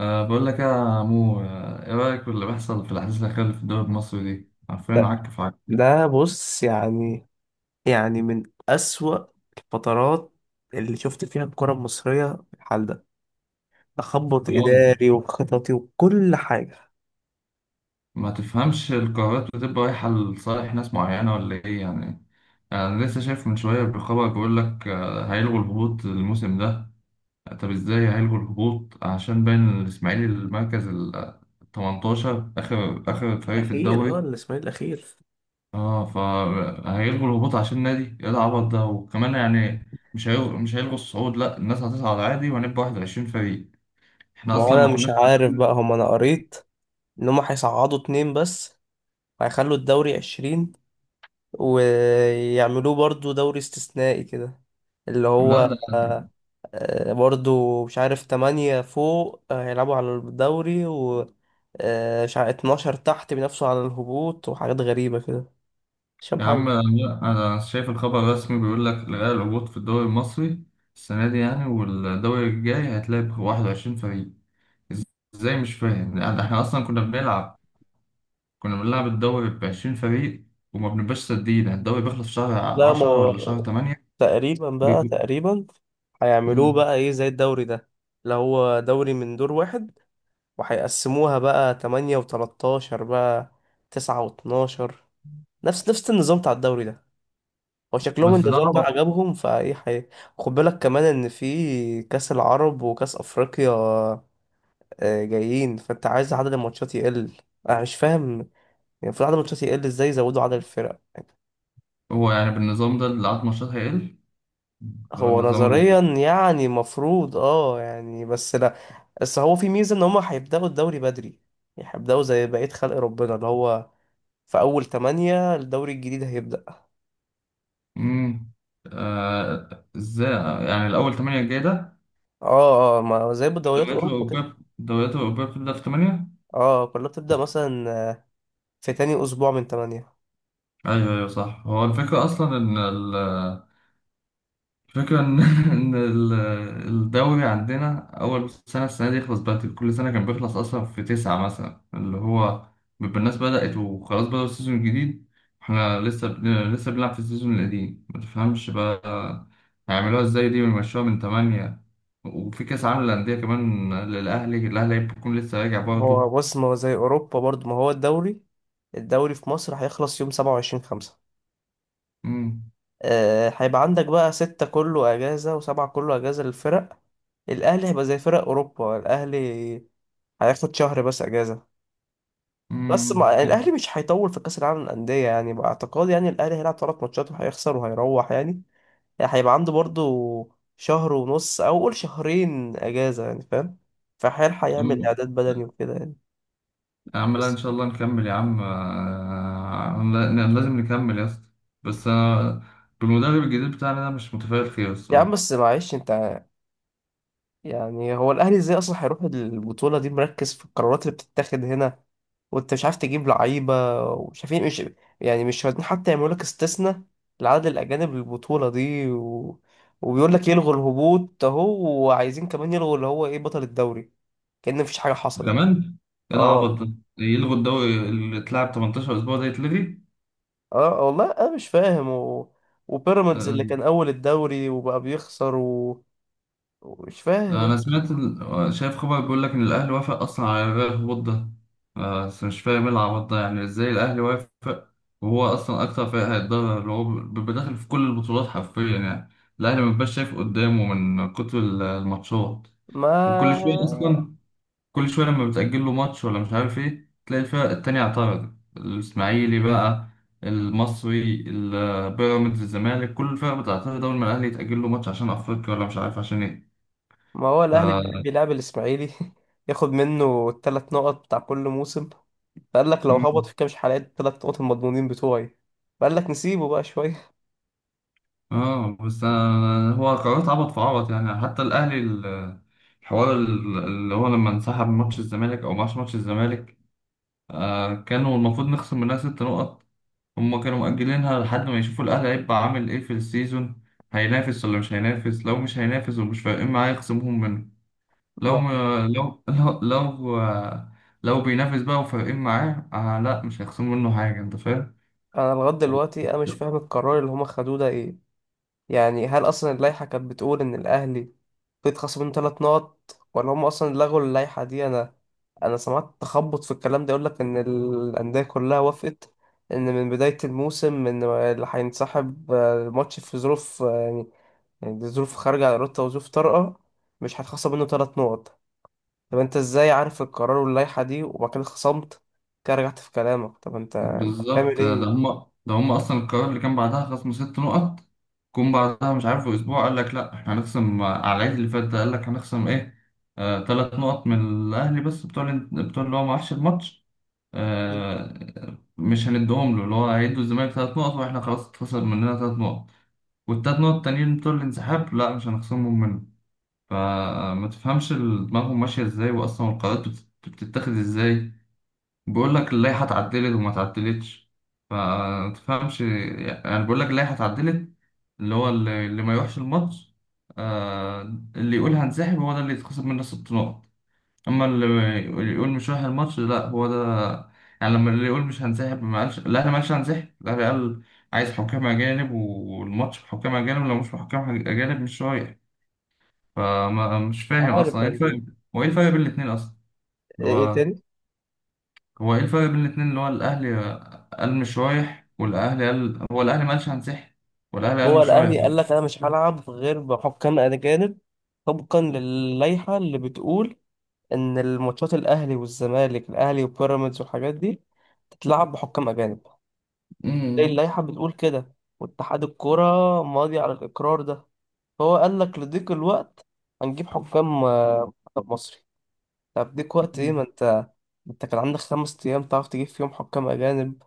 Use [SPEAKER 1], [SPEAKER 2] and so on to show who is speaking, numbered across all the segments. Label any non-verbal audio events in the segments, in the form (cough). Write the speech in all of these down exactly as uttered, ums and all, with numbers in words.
[SPEAKER 1] أه بقول لك يا مو آه، ايه رأيك في اللي بيحصل في الأحداث الأخيرة اللي في الدوري المصري دي؟ عارفين
[SPEAKER 2] ده
[SPEAKER 1] عك في عك يعني.
[SPEAKER 2] ده بص يعني يعني من أسوأ الفترات اللي شفت فيها الكرة المصرية في الحال ده. تخبط
[SPEAKER 1] اه،
[SPEAKER 2] إداري وخططي وكل حاجة.
[SPEAKER 1] ما تفهمش القرارات بتبقى رايحة لصالح ناس معينة ولا ايه يعني يعني أنا لسه شايف من شوية بخبر بيقول لك آه، هيلغوا الهبوط الموسم ده. طب ازاي هيلغوا الهبوط عشان باين الإسماعيلي المركز ال تمنتاشر، آخر آخر فريق في
[SPEAKER 2] اخير، اه
[SPEAKER 1] الدوري.
[SPEAKER 2] الاسماعيلي الاخير.
[SPEAKER 1] اه، فهيلغوا الهبوط عشان النادي، ايه العبط ده وكمان يعني مش هيلغوا مش هيلغوا الصعود، لا الناس هتصعد عادي وهنبقى واحد وعشرين فريق، احنا
[SPEAKER 2] ما هو
[SPEAKER 1] اصلا
[SPEAKER 2] أنا
[SPEAKER 1] ما
[SPEAKER 2] مش
[SPEAKER 1] كناش
[SPEAKER 2] عارف بقى
[SPEAKER 1] عارفين.
[SPEAKER 2] هم. أنا قريت إن هم هيصعدوا اتنين بس، هيخلوا الدوري عشرين ويعملوه برضو دوري استثنائي كده، اللي
[SPEAKER 1] لا
[SPEAKER 2] هو
[SPEAKER 1] ده،
[SPEAKER 2] آه، آه، برضو مش عارف، تمانية فوق آه، هيلعبوا على الدوري، آه، مش عارف اتناشر تحت بينافسوا على الهبوط، وحاجات غريبة كده. مش فاهم
[SPEAKER 1] يا
[SPEAKER 2] حاجة.
[SPEAKER 1] عم لا، انا شايف الخبر الرسمي بيقول لك الغاء الهبوط في الدوري المصري السنه دي، يعني والدوري الجاي هتلاعب واحد وعشرين فريق. ازاي مش فاهم، يعني احنا اصلا كنا بنلعب كنا بنلعب الدوري ب عشرين فريق وما بنبقاش سادين، الدوري بيخلص في شهر
[SPEAKER 2] لا، ما
[SPEAKER 1] عشرة
[SPEAKER 2] هو
[SPEAKER 1] ولا شهر تمانية
[SPEAKER 2] تقريبا بقى
[SPEAKER 1] بيكون.
[SPEAKER 2] تقريبا هيعملوه
[SPEAKER 1] مم.
[SPEAKER 2] بقى ايه زي الدوري ده، اللي هو دوري من دور واحد، وهيقسموها بقى تمانية و13، بقى تسعة و12، نفس نفس النظام بتاع الدوري ده. هو شكلهم
[SPEAKER 1] بس ده
[SPEAKER 2] النظام ده
[SPEAKER 1] عبط.
[SPEAKER 2] عجبهم، فايه حي... خد بالك كمان ان في كاس العرب وكاس افريقيا آه، جايين، فانت عايز عدد الماتشات يقل. انا مش فاهم. يعني المفروض عدد الماتشات يقل، ازاي يزودوا عدد الفرق يعني؟
[SPEAKER 1] هو يعني بالنظام ده اللي عدد ماتشات هيقل، اللي هو
[SPEAKER 2] هو
[SPEAKER 1] النظام ال-
[SPEAKER 2] نظريا يعني المفروض اه يعني، بس لا. بس هو في ميزة ان هما هيبدأوا الدوري بدري، يعني هيبدأوا زي بقية خلق ربنا، اللي هو في أول تمانية الدوري الجديد هيبدأ.
[SPEAKER 1] مم. آه ازاي، يعني الأول تمانية الجاي ده.
[SPEAKER 2] اه، اه، ما زي بدوريات
[SPEAKER 1] الدوريات
[SPEAKER 2] أوروبا كده.
[SPEAKER 1] الأوروبية الدوريات الأوروبية بتبدأ في تمانية.
[SPEAKER 2] اه، كلها بتبدأ مثلا في تاني أسبوع من تمانية.
[SPEAKER 1] أيوه أيوه صح، هو الفكرة أصلا إن فكرة إن (laughs) إن ال- الدوري عندنا أول سنة، السنة دي يخلص بدري، كل سنة كان بيخلص أصلا في تسعة مثلا، اللي هو بيبقى الناس بدأت وخلاص بدأوا السيزون الجديد، إحنا لسه بن- لسه بنلعب في السيزون القديم. متفهمش بقى هيعملوها إزاي دي ويمشوها من تمانية، وفي كأس عالم للأندية كمان للأهلي، الأهلي هيكون لسه راجع برضه.
[SPEAKER 2] هو بص، ما هو زي أوروبا برضو، ما هو الدوري الدوري في مصر هيخلص يوم سبعة وعشرين خمسة.
[SPEAKER 1] أمم.
[SPEAKER 2] آه، هيبقى عندك بقى ستة كله أجازة وسبعة كله أجازة للفرق. الاهلي هيبقى زي فرق اوروبا. الاهلي هياخد شهر بس اجازه. بس ما الاهلي مش هيطول في كاس العالم للانديه، يعني باعتقاد يعني الاهلي هيلعب ثلاث ماتشات وهيخسر وهيروح يعني يعني هيبقى عنده برضو شهر ونص او قول شهرين اجازه، يعني فاهم. فهيلحق يعمل
[SPEAKER 1] أمم.
[SPEAKER 2] اعداد بدني وكده يعني.
[SPEAKER 1] يا عم لا، ان
[SPEAKER 2] بس.
[SPEAKER 1] شاء الله نكمل يا عم، آه، لا- لازم نكمل يا اسطى. بس انا بالمدرب الجديد بتاعنا ده مش متفائل خير
[SPEAKER 2] يا عم
[SPEAKER 1] الصراحه.
[SPEAKER 2] بس معلش انت، يعني هو الاهلي ازاي اصلا هيروح البطوله دي، مركز في القرارات اللي بتتاخد هنا. وانت مش عارف تجيب لعيبة، ومش عارفين مش، يعني مش راضيين حتى يعملوا لك استثناء لعدد الأجانب للبطولة دي و... وبيقول لك يلغوا الهبوط أهو، وعايزين كمان يلغوا اللي هو إيه، بطل الدوري، كأن مفيش حاجة حصلت.
[SPEAKER 1] كمان ايه العبط
[SPEAKER 2] اه،
[SPEAKER 1] ده، إيه يلغوا الدوري اللي اتلعب تمنتاشر اسبوع ده يتلغي؟
[SPEAKER 2] اه والله أنا مش فاهم و... وبيراميدز اللي
[SPEAKER 1] آه،
[SPEAKER 2] كان أول الدوري وبقى بيخسر و... ومش فاهم.
[SPEAKER 1] انا سمعت ال- شايف خبر بيقول لك ان الاهلي وافق اصلا على إلغاء الهبوط ده. آه، بس مش فاهم ايه العبط ده، يعني ازاي الاهلي وافق وهو اصلا اكتر فريق هيتضرر، اللي هو بيبقى داخل في كل البطولات حرفيا يعني، الاهلي ما بيبقاش شايف قدامه من كتر ال- الماتشات. وكل شوية
[SPEAKER 2] ما
[SPEAKER 1] أصلا، كل شوية لما بتأجل له ماتش ولا مش عارف إيه، تلاقي الفرق التانية اعترضت، الإسماعيلي بقى، المصري، ال- بيراميدز، الزمالك، كل الفرق بتعترض أول ما الأهلي يتأجل له ماتش عشان أفريقيا ولا مش عارف عشان إيه.
[SPEAKER 2] ما هو
[SPEAKER 1] ف
[SPEAKER 2] الاهلي بيحب يلعب الاسماعيلي (laughs) ياخد منه الثلاث نقط بتاع كل موسم. فقال لك لو هبط
[SPEAKER 1] مم.
[SPEAKER 2] في كام حلقات الثلاث نقط المضمونين بتوعي، فقال لك نسيبه بقى شويه
[SPEAKER 1] آه، بس أنا- هو قرارات عبط في عبط يعني. حتى الأهلي ال- الحوار ال- اللي هو لما انسحب من ماتش الزمالك، أو ماتش ماتش الزمالك، آه كانوا المفروض نخصم منها ست نقط، هم كانوا مؤجلينها لحد ما يشوفوا الأهلي هيبقى عامل إيه في السيزون، هينافس ولا مش هينافس، لو مش هينافس ومش فارقين معاه يخصموهم منه،
[SPEAKER 2] (laughs)
[SPEAKER 1] لو
[SPEAKER 2] ما
[SPEAKER 1] ما- لو لو لو, لو بينافس بقى وفارقين معاه، آه لا مش هيخصموا منه حاجة، أنت فاهم.
[SPEAKER 2] انا لغايه دلوقتي انا مش فاهم القرار اللي هما خدوه ده ايه. يعني هل اصلا اللائحه كانت بتقول ان الاهلي بيتخصم منه ثلاث نقط، ولا هم اصلا لغوا اللائحه دي؟ انا انا سمعت تخبط في الكلام ده، يقول لك ان الانديه كلها وافقت ان من بدايه الموسم ان اللي هينسحب آه، الماتش في ظروف آه، يعني دي ظروف خارجة عن إرادته وظروف طارئة، مش هتخصم منه تلات نقط. طب أنت إزاي عارف القرار واللائحة دي، وبعد كده خصمت كده، رجعت في كلامك؟ طب أنت تعمل
[SPEAKER 1] بالظبط، ده
[SPEAKER 2] إيه؟
[SPEAKER 1] هم ده هم أصلا القرار، اللي كان بعدها خصم ست نقط جم بعدها مش عارف أسبوع، قال لك لا إحنا هنخصم على العيد اللي فات ده، قال لك هنخصم إيه؟ آه، تلات نقط من الأهلي بس، بتوع بتوع اللي هو ما راحش الماتش،
[SPEAKER 2] مش
[SPEAKER 1] آه، مش هندهم له، اللي هو هيدوا الزمالك تلات نقط واحنا خلاص اتخسر مننا تلات نقط، والتلات نقط التانيين بتوع الانسحاب لا مش هنخصمهم منه. فما تفهمش ال- دماغهم ماشية ازاي، واصلا القرارات بت- بتتاخد ازاي، بيقول لك اللائحة اتعدلت وما اتعدلتش. فما تفهمش، يعني بيقول لك اللائحة اتعدلت، اللي هو اللي اللي ما يروحش الماتش، آه، اللي يقول هنسحب هو ده اللي يتخصم منه ست نقط، اما اللي اللي يقول مش رايح الماتش لا هو ده. يعني لما اللي يقول مش هنسحب، ما قالش الاهلي ما قالش هنسحب، الاهلي قال عايز حكام اجانب، والماتش بحكام اجانب، لو مش بحكام اجانب مش رايح. فما مش فاهم اصلا
[SPEAKER 2] عارف
[SPEAKER 1] ايه
[SPEAKER 2] يعني إيه.
[SPEAKER 1] الفرق، هو ايه الفرق بين الاتنين اصلا، اللي
[SPEAKER 2] إيه
[SPEAKER 1] هو،
[SPEAKER 2] تاني؟
[SPEAKER 1] هو ايه الفرق بين الاتنين، اللي هو الاهلي قال مش رايح، والاهلي قال، هو الاهلي ما قالش هنسحب، والاهلي قال
[SPEAKER 2] هو
[SPEAKER 1] مش رايح.
[SPEAKER 2] الأهلي قال لك أنا مش هلعب غير بحكام أجانب، طبقا للائحة اللي بتقول إن الماتشات الأهلي والزمالك، الأهلي وبيراميدز والحاجات دي تتلعب بحكام أجانب.
[SPEAKER 1] أمم.
[SPEAKER 2] اللائحة بتقول كده، واتحاد الكرة ماضي على الإقرار ده. فهو قال لك لضيق الوقت هنجيب حكام آه، منتخب مصري. طب ضيق وقت ايه؟ ما انت انت كان عندك خمس ايام تعرف تجيب فيهم حكام اجانب.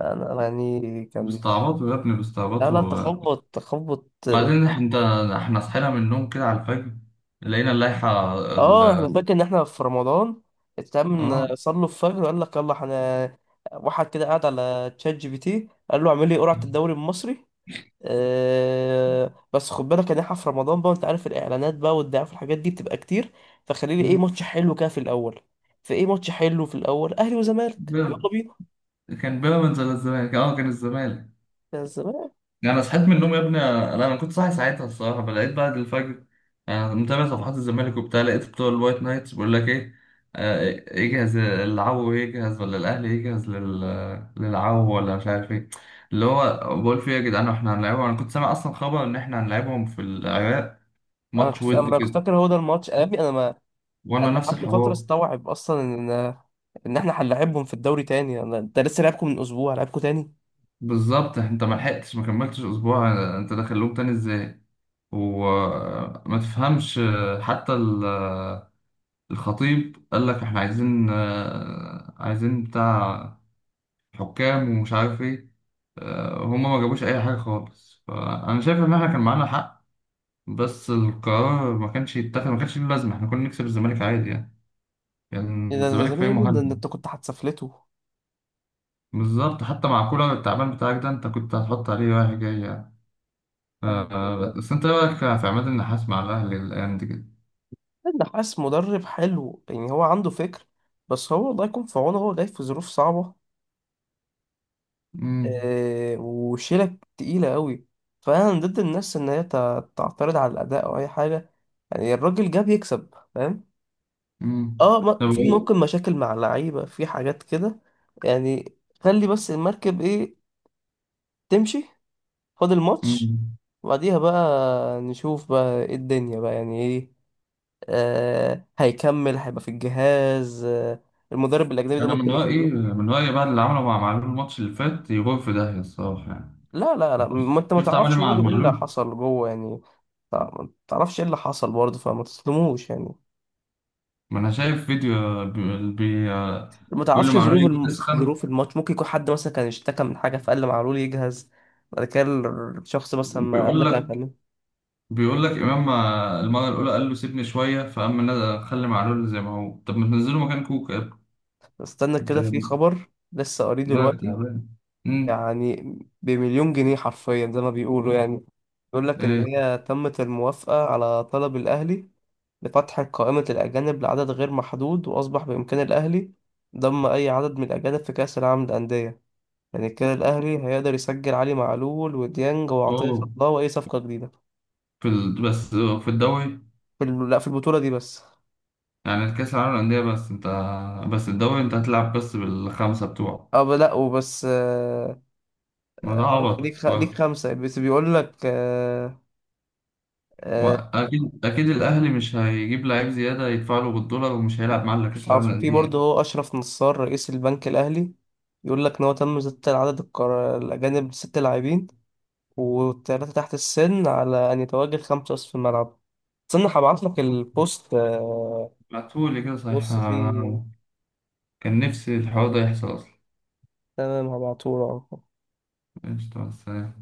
[SPEAKER 2] انا أنا يعني كان.
[SPEAKER 1] بيستعبطوا يا ابني
[SPEAKER 2] لا، لا،
[SPEAKER 1] بيستعبطوا.
[SPEAKER 2] تخبط تخبط.
[SPEAKER 1] بعدين إح- انت، احنا صحينا من النوم كده على الفجر لقينا اللائحة ال...
[SPEAKER 2] اه، احنا فاكر ان احنا في رمضان، اتعمل
[SPEAKER 1] اه.
[SPEAKER 2] صلوا الفجر وقال لك يلا احنا، واحد كده قاعد على تشات جي بي تي قال له اعمل لي قرعة الدوري المصري. أه، بس خد بالك ان احنا في رمضان بقى، انت عارف الاعلانات بقى والدعايه في الحاجات دي بتبقى كتير، فخليلي ايه
[SPEAKER 1] مم.
[SPEAKER 2] ماتش حلو كده في الاول، فايه ماتش حلو في الاول، اهلي وزمالك
[SPEAKER 1] بيراميدز.
[SPEAKER 2] يلا بينا.
[SPEAKER 1] كان بيراميدز ولا الزمالك، اه كان الزمالك.
[SPEAKER 2] يا الزمالك.
[SPEAKER 1] يعني انا صحيت من النوم يا ابني، لا انا كنت صاحي ساعتها الصراحة، فلقيت بعد الفجر، انا متابع صفحات الزمالك وبتاع، لقيت بتوع الوايت نايتس بيقول لك ايه، آه، يجهز العو يجهز، ولا الاهلي يجهز لل... للعو، ولا مش عارف ايه، اللي هو بقول فيه يا جدعان احنا هنلعبهم، انا كنت سامع اصلا خبر ان احنا هنلعبهم في العراق
[SPEAKER 2] انا
[SPEAKER 1] ماتش
[SPEAKER 2] كنت
[SPEAKER 1] ود
[SPEAKER 2] انا (laughs) كنت
[SPEAKER 1] كده،
[SPEAKER 2] فاكر هو ده الماتش، امي انا ما.
[SPEAKER 1] وانا
[SPEAKER 2] انا
[SPEAKER 1] نفس
[SPEAKER 2] قعدت فتره
[SPEAKER 1] الحوار.
[SPEAKER 2] استوعب اصلا ان ان احنا هنلاعبهم في الدوري تاني. انا انت لسه لعبكم من اسبوع، لعبكم تاني.
[SPEAKER 1] بالظبط، انت ما لحقتش، ما كملتش اسبوع، انت دخلوك تاني ازاي؟ وما تفهمش، حتى ال- الخطيب قال لك احنا عايزين عايزين بتاع حكام ومش عارف ايه، هما ما جابوش اي حاجه خالص، فانا شايف ان احنا كان معانا حق، بس القرار ما كانش يتاخد ما كانش له لازمه، احنا كنا نكسب الزمالك عادي يعني،
[SPEAKER 2] إيه،
[SPEAKER 1] كان
[SPEAKER 2] ده ده
[SPEAKER 1] الزمالك
[SPEAKER 2] زمان يا
[SPEAKER 1] فريق
[SPEAKER 2] ابني، ده ده
[SPEAKER 1] مهاجم،
[SPEAKER 2] انت كنت هتسفلته.
[SPEAKER 1] بالظبط حتى مع كولر التعبان بتاعك ده انت كنت هتحط عليه رايح جاي يعني. آه، بس انت إيه رايك في عماد النحاس مع الاهلي الايام دي كده؟
[SPEAKER 2] النحاس (laughs) مدرب حلو، يعني هو عنده فكر. بس هو الله يكون في عونه، هو جاي في ظروف صعبه
[SPEAKER 1] امم.
[SPEAKER 2] آه، وشيلة تقيلة قوي. فأنا من ضد الناس إن هي تع- تعترض على الأداء أو أي حاجة. يعني الراجل جاب يكسب فاهم.
[SPEAKER 1] امم.
[SPEAKER 2] اه، ما-
[SPEAKER 1] طب
[SPEAKER 2] في
[SPEAKER 1] ايه؟
[SPEAKER 2] ممكن مشاكل مع اللعيبة في حاجات كده، يعني خلي بس المركب ايه، تمشي. فاضل ماتش،
[SPEAKER 1] امم.
[SPEAKER 2] وبعديها بقى نشوف بقى ايه الدنيا بقى، يعني ايه؟ آه هيكمل، هيبقى في الجهاز، آه المدرب الأجنبي ده
[SPEAKER 1] انا من
[SPEAKER 2] ممكن
[SPEAKER 1] رايي،
[SPEAKER 2] يكمل؟
[SPEAKER 1] من رايي بقى اللي عمله مع معلول الماتش اللي فات يروح في داهيه الصراحه يعني.
[SPEAKER 2] لا، لا، لا،
[SPEAKER 1] انت
[SPEAKER 2] ما انت ما
[SPEAKER 1] شفت عمل ايه
[SPEAKER 2] تعرفش
[SPEAKER 1] مع
[SPEAKER 2] برضه ايه اللي
[SPEAKER 1] معلول؟
[SPEAKER 2] حصل جوه يعني. تع- ما تعرفش ايه اللي حصل برضه، فما تظلموش يعني.
[SPEAKER 1] ما انا شايف فيديو بي... بي...
[SPEAKER 2] ما
[SPEAKER 1] بيقول
[SPEAKER 2] تعرفش ظروف
[SPEAKER 1] لمعلول
[SPEAKER 2] الم...
[SPEAKER 1] بتسخن،
[SPEAKER 2] ظروف الماتش، ممكن يكون حد مثلا كان اشتكى من حاجه فقال لمعلول يجهز بعد كده. الشخص مثلا ما قال
[SPEAKER 1] بيقول
[SPEAKER 2] لك انا
[SPEAKER 1] لك
[SPEAKER 2] فنان.
[SPEAKER 1] بيقول لك امام، المره الاولى قال له سيبني شويه، فاما نزل خلي معلول زي ما هو، طب ما تنزله مكان كوكا يا ابني.
[SPEAKER 2] استنى كده، في
[SPEAKER 1] انت
[SPEAKER 2] خبر لسه قريب
[SPEAKER 1] دماغك
[SPEAKER 2] دلوقتي.
[SPEAKER 1] تعبان. امم.
[SPEAKER 2] يعني بمليون جنيه حرفيا زي ما بيقولوا. يعني بيقول لك ان
[SPEAKER 1] ايه؟
[SPEAKER 2] هي تمت الموافقه على طلب الاهلي لفتح قائمة الأجانب لعدد غير محدود، وأصبح بإمكان الأهلي ضم أي عدد من الأجانب في كأس العالم للأندية. يعني كده الأهلي هيقدر يسجل علي معلول وديانج وعطية
[SPEAKER 1] اوه.
[SPEAKER 2] الله وأي صفقة جديدة.
[SPEAKER 1] في ال... بس في الدوري،
[SPEAKER 2] في ال... لا في البطولة دي بس.
[SPEAKER 1] يعني الكأس العالم للأندية بس أنت، بس الدوري أنت هتلعب بس بالخمسة بتوعه.
[SPEAKER 2] أه، ب- لا وبس. آه، آه،
[SPEAKER 1] ما ده
[SPEAKER 2] آه،
[SPEAKER 1] عبط
[SPEAKER 2] ليك خ... ليك
[SPEAKER 1] برضه.
[SPEAKER 2] خمسة بس، بيقول لك آه، آه،
[SPEAKER 1] وأكيد أكيد الأهلي مش هيجيب لعيب زيادة يدفع له بالدولار ومش هيلعب معاه إلا كأس العالم
[SPEAKER 2] عارف في برضه،
[SPEAKER 1] للأندية.
[SPEAKER 2] هو أشرف نصار رئيس البنك الأهلي يقول لك إن هو تم زيادة عدد القرار الأجانب ست لاعبين والتلاتة تحت السن، على أن يتواجد خمسة أصف في الملعب. استنى هبعتلك البوست آه،
[SPEAKER 1] بعتهولي كده صحيح
[SPEAKER 2] بص فيه.
[SPEAKER 1] أنا، كان نفسي الحوار ده يحصل أصلا.
[SPEAKER 2] تمام، هبعتهولك.
[SPEAKER 1] قشطة، مع السلامة.